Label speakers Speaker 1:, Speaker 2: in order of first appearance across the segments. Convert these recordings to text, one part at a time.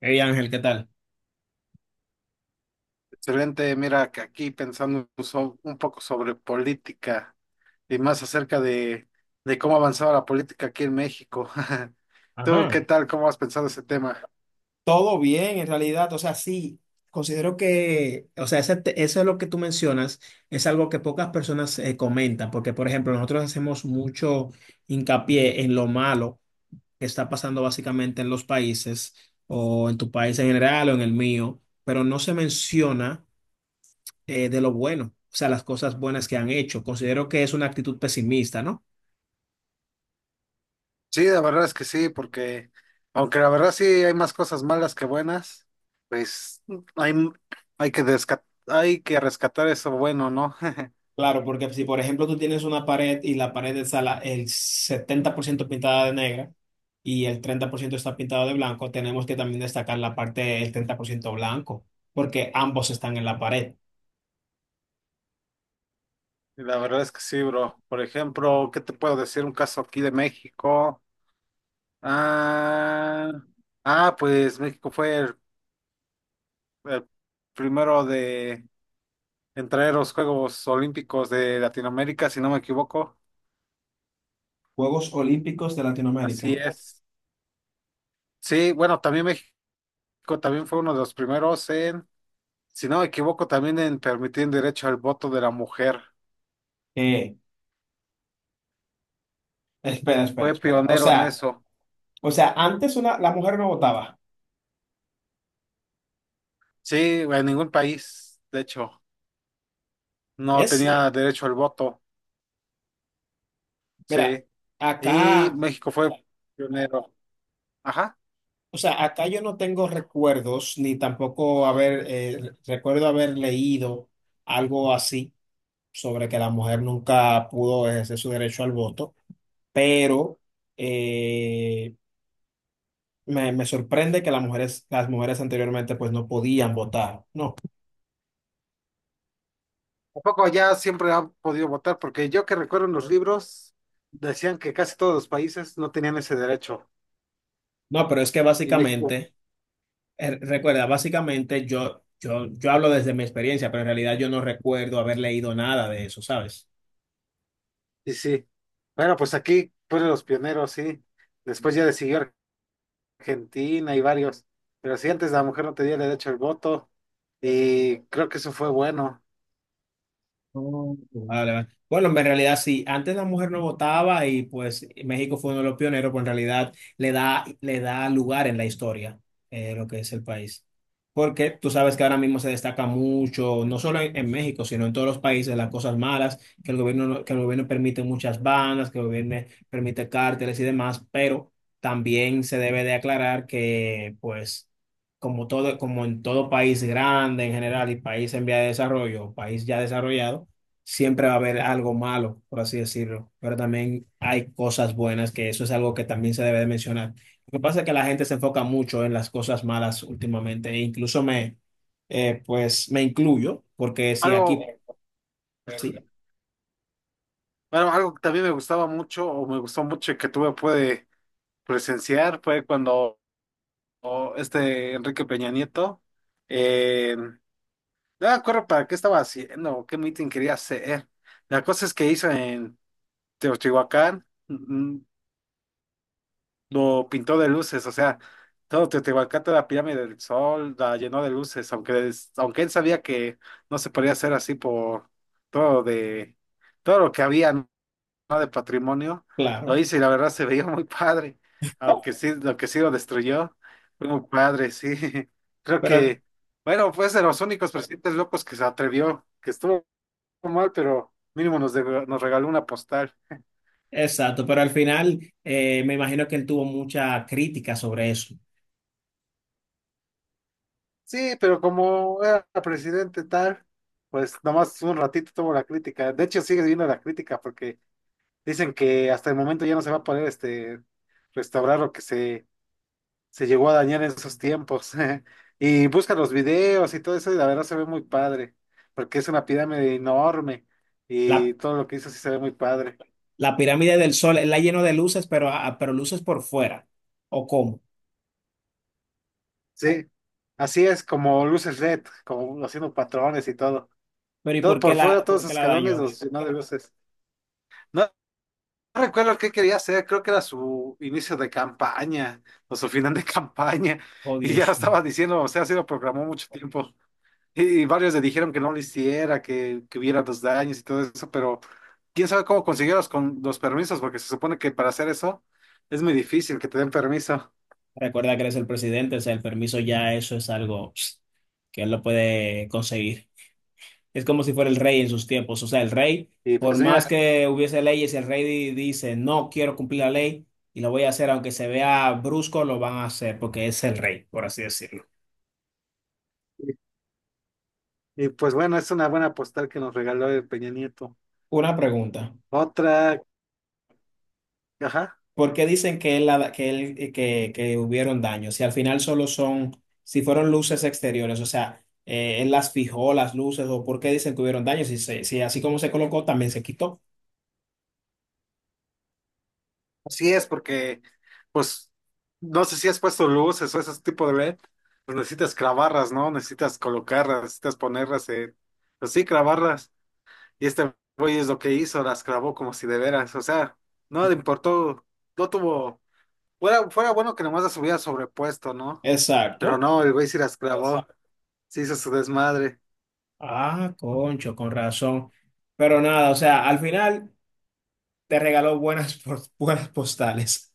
Speaker 1: Hey Ángel, ¿qué tal?
Speaker 2: Excelente, mira que aquí pensando un poco sobre política y más acerca de cómo ha avanzado la política aquí en México. ¿Tú
Speaker 1: Ajá.
Speaker 2: qué tal? ¿Cómo has pensado ese tema?
Speaker 1: Todo bien, en realidad. O sea, sí, considero que, o sea, eso es lo que tú mencionas, es algo que pocas personas comentan, porque, por ejemplo, nosotros hacemos mucho hincapié en lo malo que está pasando básicamente en los países, o en tu país en general, o en el mío, pero no se menciona de lo bueno, o sea, las cosas buenas que han hecho. Considero que es una actitud pesimista, ¿no?
Speaker 2: Sí, la verdad es que sí, porque aunque la verdad sí hay más cosas malas que buenas, pues hay, hay que rescatar eso bueno, ¿no?
Speaker 1: Claro, porque si por ejemplo tú tienes una pared y la pared el 70% pintada de negra y el 30% está pintado de blanco, tenemos que también destacar la parte del 30% blanco, porque ambos están en la pared.
Speaker 2: Y la verdad es que sí, bro. Por ejemplo, ¿qué te puedo decir? Un caso aquí de México. Ah, ah, pues México fue el primero de entrar a los Juegos Olímpicos de Latinoamérica, si no me equivoco.
Speaker 1: Juegos Olímpicos de Latinoamérica.
Speaker 2: Así es. Sí, bueno, también México también fue uno de los primeros en, si no me equivoco, también en permitir el derecho al voto de la mujer.
Speaker 1: Eh, espera, espera,
Speaker 2: Fue
Speaker 1: espera.
Speaker 2: pionero en eso.
Speaker 1: O sea, antes una, la mujer no votaba.
Speaker 2: Sí, en ningún país, de hecho, no
Speaker 1: Es cierto.
Speaker 2: tenía derecho al voto.
Speaker 1: Mira,
Speaker 2: Sí. Y
Speaker 1: acá,
Speaker 2: México fue pionero. Ajá.
Speaker 1: o sea, acá yo no tengo recuerdos, ni tampoco haber, recuerdo haber leído algo así, sobre que la mujer nunca pudo ejercer su derecho al voto, pero eh, me sorprende que las mujeres anteriormente pues no podían votar. No,
Speaker 2: Tampoco ya siempre ha podido votar, porque yo que recuerdo en los libros decían que casi todos los países no tenían ese derecho,
Speaker 1: no, pero es que
Speaker 2: y México,
Speaker 1: básicamente, recuerda, básicamente yo hablo desde mi experiencia, pero en realidad yo no recuerdo haber leído nada de eso, ¿sabes?
Speaker 2: y sí. Bueno, pues aquí fueron los pioneros, sí. Después ya le siguió Argentina y varios, pero sí, antes la mujer no tenía derecho al voto, y creo que eso fue bueno.
Speaker 1: Vale, vale. Bueno, en realidad sí, antes la mujer no votaba y pues México fue uno de los pioneros, pues en realidad le da lugar en la historia lo que es el país. Porque tú sabes que ahora mismo se destaca mucho, no solo en México, sino en todos los países, las cosas malas, que el gobierno, no- que el gobierno permite muchas bandas, que el gobierno permite cárteles y demás, pero también se debe de aclarar que pues como todo, como en todo país grande en general y país en vía de desarrollo, país ya desarrollado, siempre va a haber algo malo, por así decirlo, pero también hay cosas buenas, que eso es algo que también se debe de mencionar. Lo que pasa es que la gente se enfoca mucho en las cosas malas últimamente, e incluso pues me incluyo, porque sí,
Speaker 2: Algo,
Speaker 1: aquí, sí,
Speaker 2: bueno, algo que también me gustaba mucho, o me gustó mucho y que tuve pude presenciar, fue cuando o, este Enrique Peña Nieto, eh, no me acuerdo para qué estaba haciendo o qué meeting quería hacer. La cosa es que hizo en Teotihuacán, mm, lo pintó de luces, o sea, todo Teotihuacán, toda la pirámide del sol, la llenó de luces, aunque, aunque él sabía que no se podía hacer así por todo de todo lo que había, ¿no? De patrimonio, lo
Speaker 1: claro,
Speaker 2: hizo y la verdad se veía muy padre, aunque sí, lo que sí lo destruyó, fue muy padre, sí. Creo
Speaker 1: pero
Speaker 2: que, bueno, fue de los únicos presidentes locos que se atrevió, que estuvo mal, pero mínimo nos, de nos regaló una postal.
Speaker 1: exacto, pero al final me imagino que él tuvo mucha crítica sobre eso.
Speaker 2: Sí, pero como era presidente tal, pues nomás un ratito tuvo la crítica. De hecho, sigue viendo la crítica porque dicen que hasta el momento ya no se va a poder este, restaurar lo que se llegó a dañar en esos tiempos. Y busca los videos y todo eso y la verdad se ve muy padre, porque es una pirámide enorme
Speaker 1: La,
Speaker 2: y todo lo que hizo sí se ve muy padre.
Speaker 1: la pirámide del sol, él la llenó de luces, pero, ah, pero luces por fuera, ¿o cómo?
Speaker 2: Sí, así es como luces LED, como haciendo patrones y todo.
Speaker 1: Pero ¿y
Speaker 2: Todo por fuera, todos
Speaker 1: por
Speaker 2: esos
Speaker 1: qué la
Speaker 2: escalones
Speaker 1: dañó?
Speaker 2: los llenó de luces. No recuerdo qué quería hacer, creo que era su inicio de campaña o su final de campaña.
Speaker 1: Oh,
Speaker 2: Y ya lo
Speaker 1: Dios mío.
Speaker 2: estaba diciendo, o sea, sí lo programó mucho tiempo. Y varios le dijeron que no lo hiciera, que hubiera los daños y todo eso, pero quién sabe cómo consiguió los, con, los permisos, porque se supone que para hacer eso es muy difícil que te den permiso.
Speaker 1: Recuerda que eres el presidente, o sea, el permiso ya eso es algo pss, que él lo puede conseguir. Es como si fuera el rey en sus tiempos, o sea, el rey,
Speaker 2: Y
Speaker 1: por
Speaker 2: pues
Speaker 1: más
Speaker 2: mira,
Speaker 1: que hubiese leyes, dice, no quiero cumplir la ley y lo voy a hacer, aunque se vea brusco, lo van a hacer porque es el rey, por así decirlo.
Speaker 2: y, y pues bueno, es una buena postal que nos regaló el Peña Nieto.
Speaker 1: Una pregunta,
Speaker 2: Otra, ajá.
Speaker 1: ¿por qué dicen que, él, la- que, él- que hubieron daños? Si al final solo son, si fueron luces exteriores, o sea, él las fijó, las luces, o por qué dicen que hubieron daños, si así como se colocó, también se quitó.
Speaker 2: Así es, porque, pues, no sé si has puesto luces o ese tipo de LED, pues necesitas clavarlas, ¿no? Necesitas colocarlas, necesitas ponerlas en, pues sí, clavarlas. Y este güey es lo que hizo, las clavó como si de veras, o sea, no le importó, no tuvo, fuera bueno que nomás las hubiera sobrepuesto, ¿no? Pero
Speaker 1: Exacto.
Speaker 2: no, el güey sí las clavó, sí hizo su desmadre.
Speaker 1: Ah, concho, con razón. Pero nada, o sea, al final te regaló buenas postales.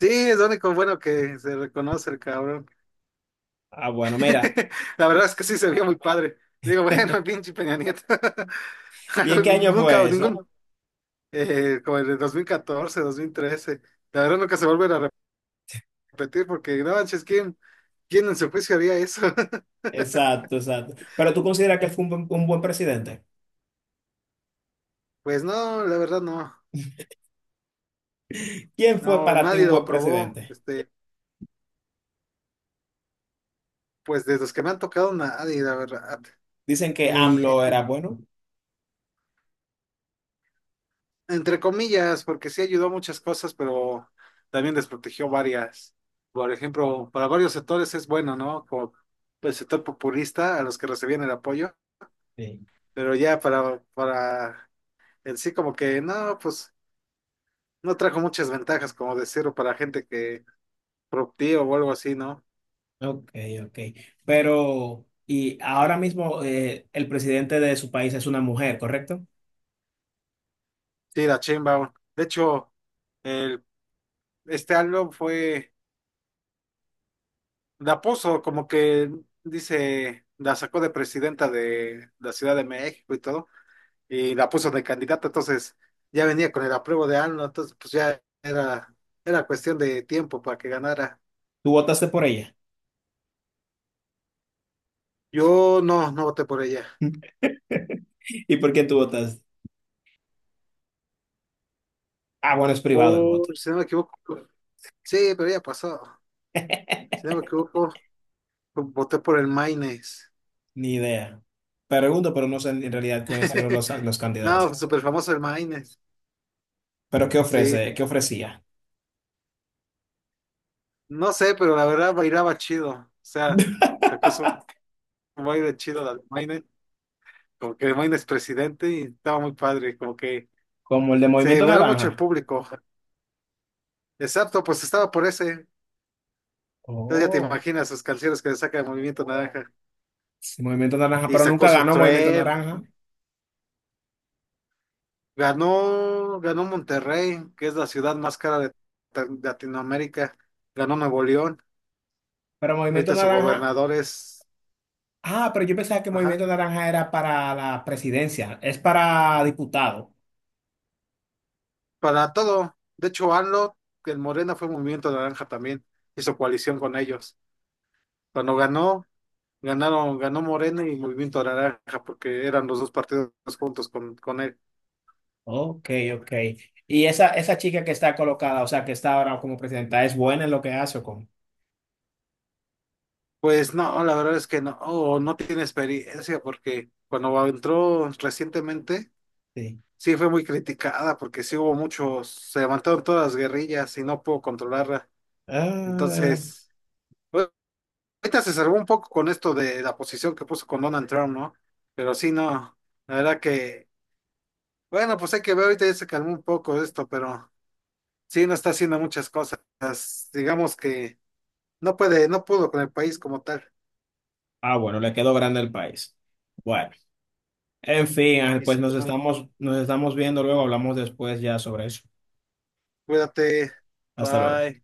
Speaker 2: Sí, es lo único bueno que se reconoce el cabrón.
Speaker 1: Ah, bueno, mira.
Speaker 2: La verdad es que sí se vio muy padre. Digo, bueno, pinche Peña Nieto.
Speaker 1: ¿Y en qué año
Speaker 2: Nunca,
Speaker 1: fue eso?
Speaker 2: ningún, como en el 2014, 2013. La verdad nunca se vuelven a repetir porque no manches, ¿quién, quién en su juicio haría eso?
Speaker 1: Exacto, exacto. Pero tú consideras que él fue un un buen presidente.
Speaker 2: Pues no, la verdad no.
Speaker 1: ¿Quién fue
Speaker 2: No,
Speaker 1: para ti
Speaker 2: nadie
Speaker 1: un
Speaker 2: lo
Speaker 1: buen
Speaker 2: aprobó.
Speaker 1: presidente?
Speaker 2: Este, pues de los que me han tocado, nadie, la verdad.
Speaker 1: Dicen que
Speaker 2: Ni,
Speaker 1: AMLO
Speaker 2: ni-
Speaker 1: era bueno.
Speaker 2: entre comillas, porque sí ayudó a muchas cosas, pero también desprotegió varias. Por ejemplo, para varios sectores es bueno, ¿no? Como el sector populista, a los que recibían el apoyo,
Speaker 1: Sí.
Speaker 2: pero ya para en sí como que no, pues no trajo muchas ventajas, como decirlo, para gente que productiva o algo así, ¿no?
Speaker 1: Ok, ok. Pero, y ahora mismo el presidente de su país es una mujer, ¿correcto?
Speaker 2: Sí, la chimba. De hecho, el, este álbum fue de Pozo, como que dice, la sacó de presidenta de la Ciudad de México y todo, y la puso de candidata, entonces ya venía con el apruebo de AMLO, entonces pues ya era, era cuestión de tiempo para que ganara.
Speaker 1: ¿Tú votaste por ella?
Speaker 2: Yo no, no voté por ella.
Speaker 1: ¿Y por quién tú votaste? Ah, bueno, es privado el voto.
Speaker 2: Por, si no me equivoco, sí, pero ya pasó. Si no me equivoco, voté por el Maines.
Speaker 1: Ni idea. Pregunto, pero no sé en realidad quiénes eran los
Speaker 2: No,
Speaker 1: candidatos.
Speaker 2: súper famoso el Maines.
Speaker 1: Pero, ¿qué
Speaker 2: Sí.
Speaker 1: ofrece? ¿Qué ofrecía?
Speaker 2: No sé, pero la verdad bailaba chido. O sea, sacó su baile chido del Maines. Como que el Maines presidente y estaba muy padre. Como que
Speaker 1: Como el de
Speaker 2: se
Speaker 1: Movimiento
Speaker 2: veló mucho el
Speaker 1: Naranja.
Speaker 2: público. Exacto, pues estaba por ese. Entonces ya te
Speaker 1: Oh,
Speaker 2: imaginas sus canciones que le saca el Movimiento Naranja.
Speaker 1: sí, Movimiento Naranja,
Speaker 2: Y
Speaker 1: pero
Speaker 2: sacó
Speaker 1: nunca
Speaker 2: su
Speaker 1: ganó Movimiento
Speaker 2: tren.
Speaker 1: Naranja.
Speaker 2: Ganó, ganó Monterrey, que es la ciudad más cara de Latinoamérica. Ganó Nuevo León.
Speaker 1: Pero Movimiento
Speaker 2: Ahorita su
Speaker 1: Naranja.
Speaker 2: gobernador es.
Speaker 1: Ah, pero yo pensaba que
Speaker 2: Ajá.
Speaker 1: Movimiento Naranja era para la presidencia, es para diputado.
Speaker 2: Para todo. De hecho, AMLO, que el Morena fue Movimiento Naranja también, hizo coalición con ellos. Cuando ganó, ganaron, ganó Morena y Movimiento Naranja, porque eran los dos partidos juntos con él.
Speaker 1: Ok, ok. Y esa chica que está colocada, o sea, que está ahora como presidenta, ¿es buena en lo que hace o cómo?
Speaker 2: Pues no, la verdad es que no, oh, no tiene experiencia, porque cuando entró recientemente,
Speaker 1: Sí.
Speaker 2: sí fue muy criticada, porque sí hubo muchos, se levantaron todas las guerrillas y no pudo controlarla.
Speaker 1: Ah,
Speaker 2: Entonces, ahorita se salvó un poco con esto de la posición que puso con Donald Trump, ¿no? Pero sí, no, la verdad que, bueno, pues hay que ver, ahorita ya se calmó un poco esto, pero sí, no está haciendo muchas cosas, digamos que no puede, no pudo con el país como tal.
Speaker 1: ah, bueno, le quedó grande el país. Bueno, en fin, Ángel,
Speaker 2: Y
Speaker 1: pues
Speaker 2: sí, bueno,
Speaker 1: nos estamos viendo luego, hablamos después ya sobre eso.
Speaker 2: cuídate,
Speaker 1: Hasta luego.
Speaker 2: bye.